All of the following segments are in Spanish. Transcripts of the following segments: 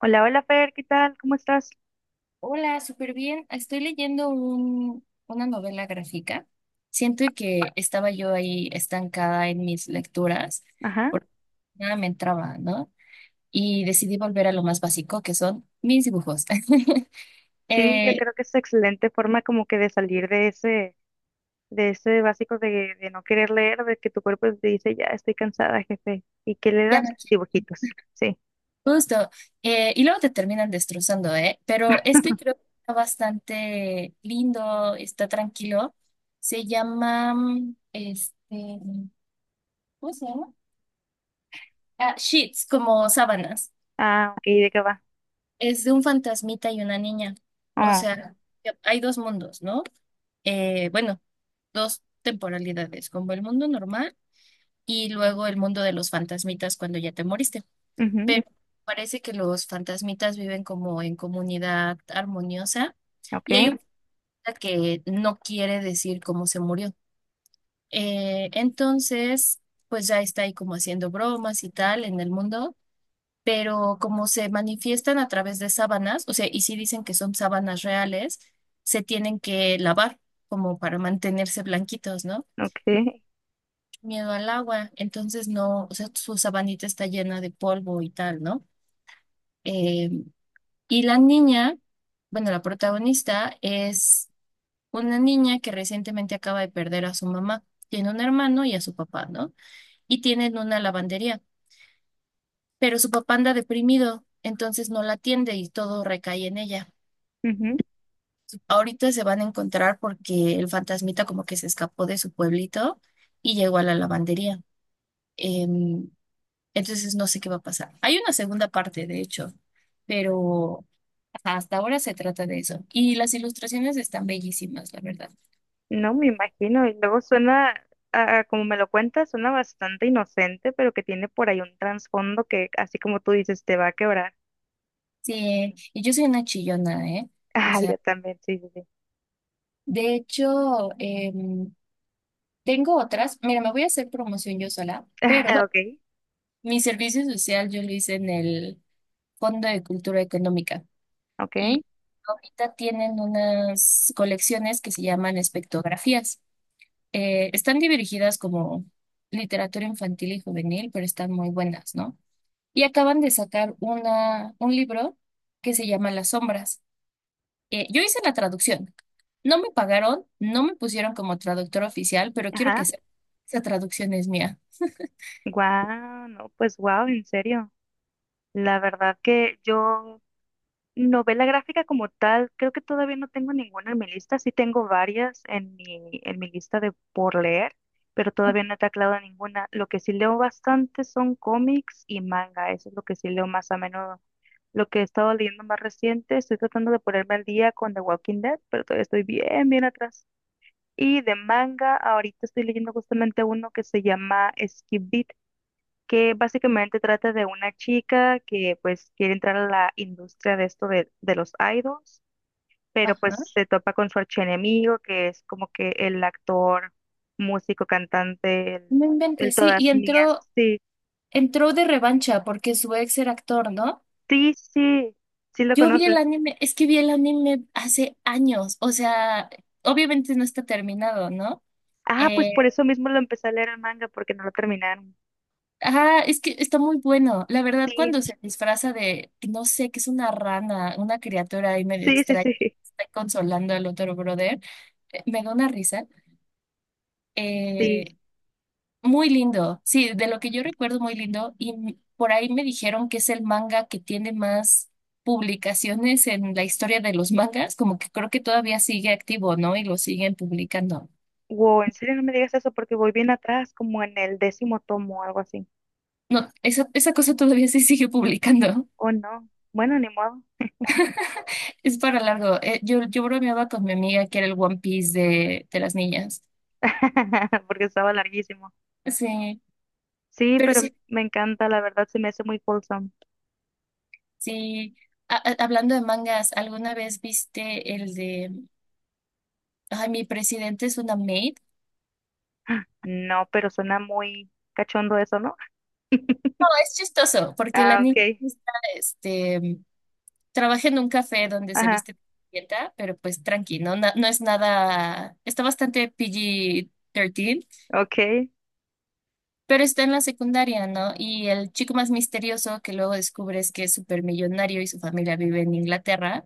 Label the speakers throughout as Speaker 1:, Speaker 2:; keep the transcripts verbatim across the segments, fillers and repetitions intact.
Speaker 1: Hola, hola Fer, ¿qué tal? ¿Cómo estás?
Speaker 2: Hola, súper bien. Estoy leyendo un- una novela gráfica. Siento que estaba yo ahí estancada en mis lecturas
Speaker 1: Ajá.
Speaker 2: porque nada me entraba, ¿no? Y decidí volver a lo más básico, que son mis dibujos.
Speaker 1: Sí, yo
Speaker 2: Eh,
Speaker 1: creo que es excelente forma como que de salir de ese, de ese básico de, de no querer leer, de que tu cuerpo te dice, ya estoy cansada, jefe. ¿Y qué le
Speaker 2: ya
Speaker 1: das?
Speaker 2: no
Speaker 1: Dibujitos. Sí.
Speaker 2: quiero- justo. Eh, y luego te terminan destrozando, ¿eh? Pero este creo que está bastante lindo, está tranquilo. Se llama, mm, este, ¿cómo se llama? Ah, sheets, como sábanas.
Speaker 1: Ah, ok, ¿de qué va?
Speaker 2: Es de un fantasmita y una niña. O
Speaker 1: Oh,
Speaker 2: sea, que hay dos mundos, ¿no? Eh, bueno, dos temporalidades, como el mundo normal y luego el mundo de los fantasmitas cuando ya te moriste.
Speaker 1: ujú,
Speaker 2: Pero parece que los fantasmitas viven como en comunidad armoniosa,
Speaker 1: ok,
Speaker 2: y hay un fantasma que no quiere decir cómo se murió. Eh, entonces, pues ya está ahí como haciendo bromas y tal en el mundo, pero como se manifiestan a través de sábanas, o sea, y sí dicen que son sábanas reales, se tienen que lavar como para mantenerse blanquitos, ¿no?
Speaker 1: ok.
Speaker 2: Miedo al agua, entonces no, o sea, su sabanita está llena de polvo y tal, ¿no? Eh, y la niña, bueno, la protagonista es una niña que recientemente acaba de perder a su mamá. Tiene un hermano y a su papá, ¿no? Y tienen una lavandería, pero su papá anda deprimido, entonces no la atiende y todo recae en ella.
Speaker 1: Ujú.
Speaker 2: Ahorita se van a encontrar porque el fantasmita como que se escapó de su pueblito y llegó a la lavandería. Em, entonces no sé qué va a pasar. Hay una segunda parte, de hecho, pero ajá, hasta ahora se trata de eso. Y las ilustraciones están bellísimas, la verdad.
Speaker 1: No me imagino. Y luego suena, ah, como me lo cuentas, suena bastante inocente, pero que tiene por ahí un trasfondo que, así como tú dices, te va a quebrar.
Speaker 2: Sí, y yo soy una chillona, ¿eh? O
Speaker 1: Ah, yo
Speaker 2: sea,
Speaker 1: también, sí, sí, sí.
Speaker 2: de hecho, em, tengo otras. Mira, me voy a hacer promoción yo sola, pero
Speaker 1: Ok,
Speaker 2: mi servicio social yo lo hice en el Fondo de Cultura Económica.
Speaker 1: ok.
Speaker 2: Y ahorita tienen unas colecciones que se llaman espectografías. Eh, están dirigidas como literatura infantil y juvenil, pero están muy buenas, ¿no? Y acaban de sacar una, un libro que se llama Las Sombras. Eh, yo hice la traducción. No me pagaron, no me pusieron como traductor oficial, pero quiero que
Speaker 1: Ajá,
Speaker 2: sepa, esa traducción es mía.
Speaker 1: wow, no, pues wow, en serio. La verdad que yo novela gráfica como tal, creo que todavía no tengo ninguna en mi lista, sí tengo varias en mi, en mi lista de por leer, pero todavía no he taclado ninguna. Lo que sí leo bastante son cómics y manga, eso es lo que sí leo más a menudo. Lo que he estado leyendo más reciente, estoy tratando de ponerme al día con The Walking Dead, pero todavía estoy bien, bien atrás. Y de manga, ahorita estoy leyendo justamente uno que se llama Skip Beat, que básicamente trata de una chica que pues quiere entrar a la industria de esto de, de los idols, pero pues
Speaker 2: Ajá.
Speaker 1: se topa con su archienemigo, que es como que el actor, músico, cantante,
Speaker 2: No
Speaker 1: el, el
Speaker 2: inventes, sí. Y
Speaker 1: todas mías.
Speaker 2: entró,
Speaker 1: Sí,
Speaker 2: entró de revancha porque su ex era actor, ¿no?
Speaker 1: sí, sí, sí lo
Speaker 2: Yo vi el
Speaker 1: conoces.
Speaker 2: anime, es que vi el anime hace años, o sea, obviamente no está terminado, ¿no?
Speaker 1: Ah, pues por
Speaker 2: Eh,
Speaker 1: eso mismo lo empecé a leer el manga, porque no lo terminaron.
Speaker 2: ah, es que está muy bueno. La verdad,
Speaker 1: Sí,
Speaker 2: cuando se disfraza de, no sé, que es una rana, una criatura ahí medio
Speaker 1: sí, sí,
Speaker 2: extraña,
Speaker 1: sí,
Speaker 2: está consolando al otro brother, eh, me da una risa.
Speaker 1: sí.
Speaker 2: eh, Muy lindo, sí, de lo que yo recuerdo muy lindo y m- por ahí me dijeron que es el manga que tiene más publicaciones en la historia de los mangas, como que creo que todavía sigue activo, ¿no? Y lo siguen publicando.
Speaker 1: Wow, en serio no me digas eso porque voy bien atrás, como en el décimo tomo o algo así.
Speaker 2: No, esa, esa cosa todavía se sigue publicando.
Speaker 1: Oh, no. Bueno, ni modo.
Speaker 2: Es para largo. Eh, yo, yo bromeaba con mi amiga que era el One Piece de, de las niñas.
Speaker 1: Porque estaba larguísimo.
Speaker 2: Sí,
Speaker 1: Sí,
Speaker 2: pero
Speaker 1: pero
Speaker 2: sí,
Speaker 1: me encanta, la verdad se me hace muy wholesome.
Speaker 2: sí. A- a- hablando de mangas, ¿alguna vez viste el de, ay, mi presidente es una maid?
Speaker 1: No, pero suena muy cachondo eso, ¿no?
Speaker 2: Es chistoso, porque la
Speaker 1: Ah,
Speaker 2: niña
Speaker 1: ok.
Speaker 2: está, este, trabaja en un café donde se
Speaker 1: Ajá,
Speaker 2: viste de dieta, pero pues tranqui, ¿no? Na- no es nada, está bastante P G trece,
Speaker 1: ok.
Speaker 2: pero está en la secundaria, ¿no? Y el chico más misterioso que luego descubres que es supermillonario y su familia vive en Inglaterra,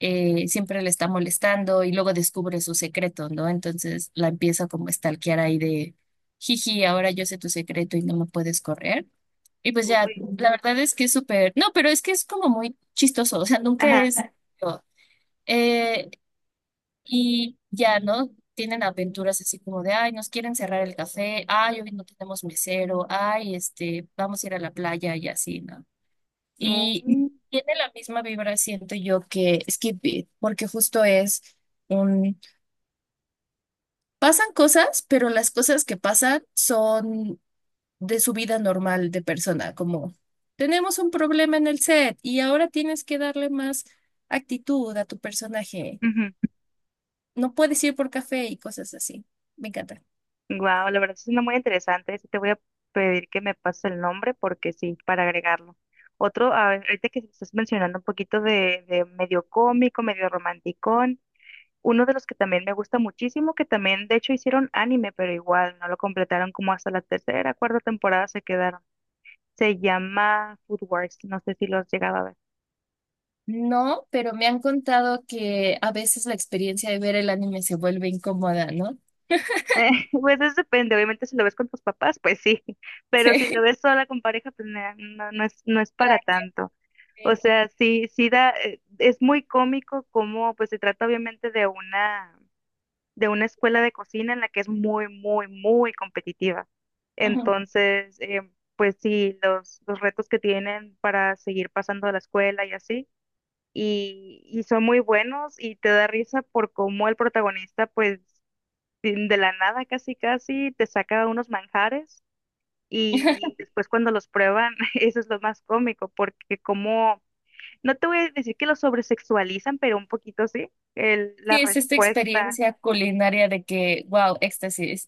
Speaker 2: eh, siempre le está molestando y luego descubre su secreto, ¿no? Entonces la empieza como a stalkear ahí de, jiji, ahora yo sé tu secreto y no me puedes correr. Y pues ya,
Speaker 1: Uy,
Speaker 2: la verdad es que es súper, no, pero es que es como muy chistoso, o sea,
Speaker 1: ajá.
Speaker 2: nunca es... eh, y ya, ¿no? Tienen aventuras así como de, ay, nos quieren cerrar el café, ay, hoy no tenemos mesero, ay, este, vamos a ir a la playa y así, ¿no? Y tiene la misma vibra, siento yo, que Skip Beat, porque justo es un... Pasan cosas, pero las cosas que pasan son de su vida normal de persona, como tenemos un problema en el set y ahora tienes que darle más actitud a tu personaje, no puedes ir por café y cosas así. Me encanta.
Speaker 1: Wow, la verdad sí suena muy interesante. Sí te voy a pedir que me pases el nombre porque sí, para agregarlo. Otro, a ver, ahorita que estás mencionando un poquito de, de medio cómico, medio romántico, uno de los que también me gusta muchísimo, que también de hecho hicieron anime, pero igual no lo completaron, como hasta la tercera, cuarta temporada se quedaron. Se llama Food Wars, no sé si lo has llegado a ver.
Speaker 2: No, pero me han contado que a veces la experiencia de ver el anime se vuelve incómoda, ¿no?
Speaker 1: Eh, pues eso depende, obviamente si lo ves con tus papás, pues sí, pero si lo
Speaker 2: Sí.
Speaker 1: ves sola con pareja, pues na- no, no es, no es para tanto. O
Speaker 2: Tranqui.
Speaker 1: sea, sí, sí da, eh, es muy cómico como, pues se trata obviamente de una de una escuela de cocina en la que es muy, muy, muy competitiva.
Speaker 2: Ujú.
Speaker 1: Entonces, eh, pues sí, los, los retos que tienen para seguir pasando a la escuela y así, y, y son muy buenos y te da risa por cómo el protagonista, pues de de la nada casi, casi, te saca unos manjares y después cuando los prueban, eso es lo más cómico, porque como, no te voy a decir que lo sobresexualizan, pero un poquito sí, el, la
Speaker 2: Sí, es esta
Speaker 1: respuesta.
Speaker 2: experiencia culinaria de que, wow, éxtasis.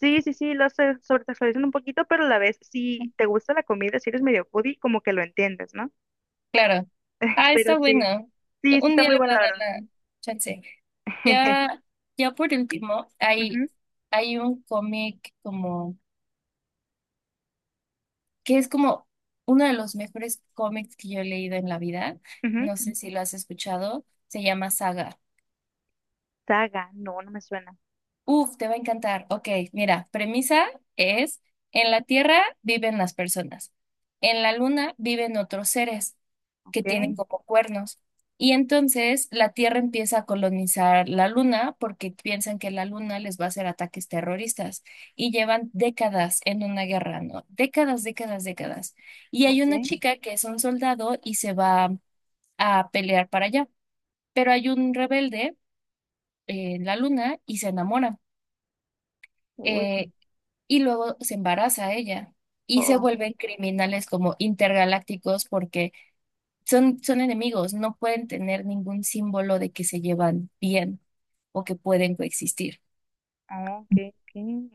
Speaker 1: Sí, sí, sí, lo se sobresexualizan un poquito, pero a la vez, si te gusta la comida, si eres medio foodie, como que lo entiendes, ¿no?
Speaker 2: Claro. Ah,
Speaker 1: Pero
Speaker 2: está
Speaker 1: sí,
Speaker 2: bueno.
Speaker 1: sí, sí
Speaker 2: Un
Speaker 1: está
Speaker 2: día
Speaker 1: muy
Speaker 2: le
Speaker 1: bueno,
Speaker 2: voy a
Speaker 1: la
Speaker 2: dar
Speaker 1: verdad.
Speaker 2: la chance. Ya, ya por último, hay,
Speaker 1: Ujú,
Speaker 2: hay un cómic como, que es como uno de los mejores cómics que yo he leído en la vida.
Speaker 1: ujú.
Speaker 2: No sé si lo has escuchado. Se llama Saga.
Speaker 1: Saga, no, no me suena.
Speaker 2: Uf, te va a encantar. Ok, mira, premisa es, en la Tierra viven las personas, en la Luna viven otros seres que
Speaker 1: Ok,
Speaker 2: tienen como cuernos. Y entonces la Tierra empieza a colonizar la Luna porque piensan que la Luna les va a hacer ataques terroristas y llevan décadas en una guerra, ¿no? Décadas, décadas, décadas. Y hay una
Speaker 1: ok.
Speaker 2: chica que es un soldado y se va a pelear para allá, pero hay un rebelde en la Luna y se enamora.
Speaker 1: Uy,
Speaker 2: Eh, y luego se embaraza ella y se
Speaker 1: oh,
Speaker 2: vuelven criminales como intergalácticos porque son, son enemigos, no pueden tener ningún símbolo de que se llevan bien o que pueden coexistir.
Speaker 1: oh, ok, ok.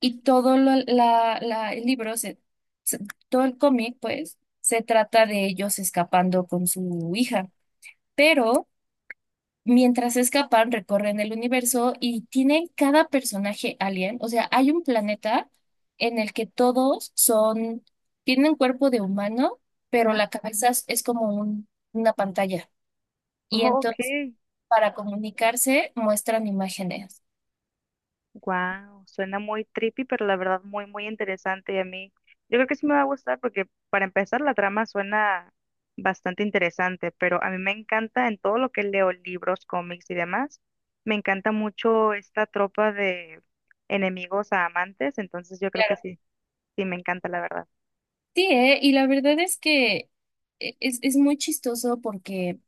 Speaker 2: Y todo lo- la, la- el libro, se, se- todo el cómic, pues, se trata de ellos escapando con su hija, pero... Mientras escapan, recorren el universo y tienen cada personaje alien. O sea, hay un planeta en el que todos son, tienen cuerpo de humano, pero
Speaker 1: Ajá,
Speaker 2: la cabeza es es como un- una pantalla. Y
Speaker 1: ok.
Speaker 2: entonces, para comunicarse, muestran imágenes.
Speaker 1: Wow, suena muy trippy, pero la verdad muy, muy interesante y a mí. Yo creo que sí me va a gustar porque para empezar la trama suena bastante interesante, pero a mí me encanta en todo lo que leo, libros, cómics y demás, me encanta mucho esta tropa de enemigos a amantes, entonces yo creo que
Speaker 2: Claro,
Speaker 1: sí, sí me encanta la verdad.
Speaker 2: sí, ¿eh? Y la verdad es que e- es, es muy chistoso porque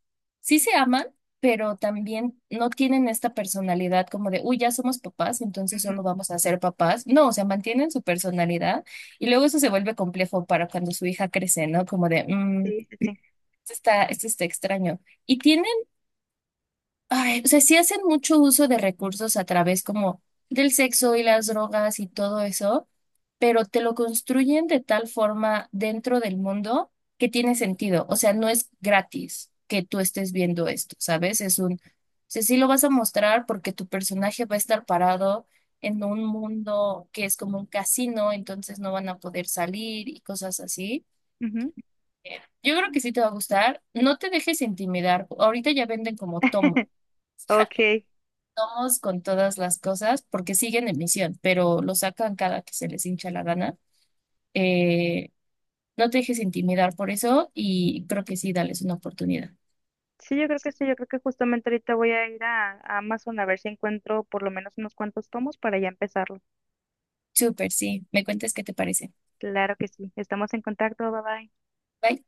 Speaker 2: sí se aman, pero también no tienen esta personalidad como de, uy, ya somos papás, entonces
Speaker 1: Ujú,
Speaker 2: solo vamos a ser papás. No, o sea, mantienen su personalidad y luego eso se vuelve complejo para cuando su hija crece, ¿no? Como de, mmm,
Speaker 1: sí, sí, sí.
Speaker 2: esto está, esto está extraño. Y tiene ay, o sea, sí hacen mucho uso de recursos a través como del sexo y las drogas y todo eso, pero te lo construyen de tal forma dentro del mundo que tiene sentido. O sea, no es gratis que tú estés viendo esto, ¿sabes? Es un, o sea, sí lo vas a mostrar porque tu personaje va a estar parado en un mundo que es como un casino, entonces no van a poder salir y cosas así.
Speaker 1: Ujú.
Speaker 2: Eh, Yo creo que sí te va a gustar. No te dejes intimidar. Ahorita ya venden como tomos
Speaker 1: Ok,
Speaker 2: vamos con todas las cosas porque siguen en misión, pero lo sacan cada que se les hincha la gana. Eh, no te dejes intimidar por eso y creo que sí, dales una oportunidad.
Speaker 1: sí, yo creo que sí, yo creo que justamente ahorita voy a ir a, a Amazon a ver si encuentro por lo menos unos cuantos tomos para ya empezar.
Speaker 2: Súper, sí. Me cuentes qué te parece.
Speaker 1: Claro que sí. Estamos en contacto. Bye bye.
Speaker 2: Bye.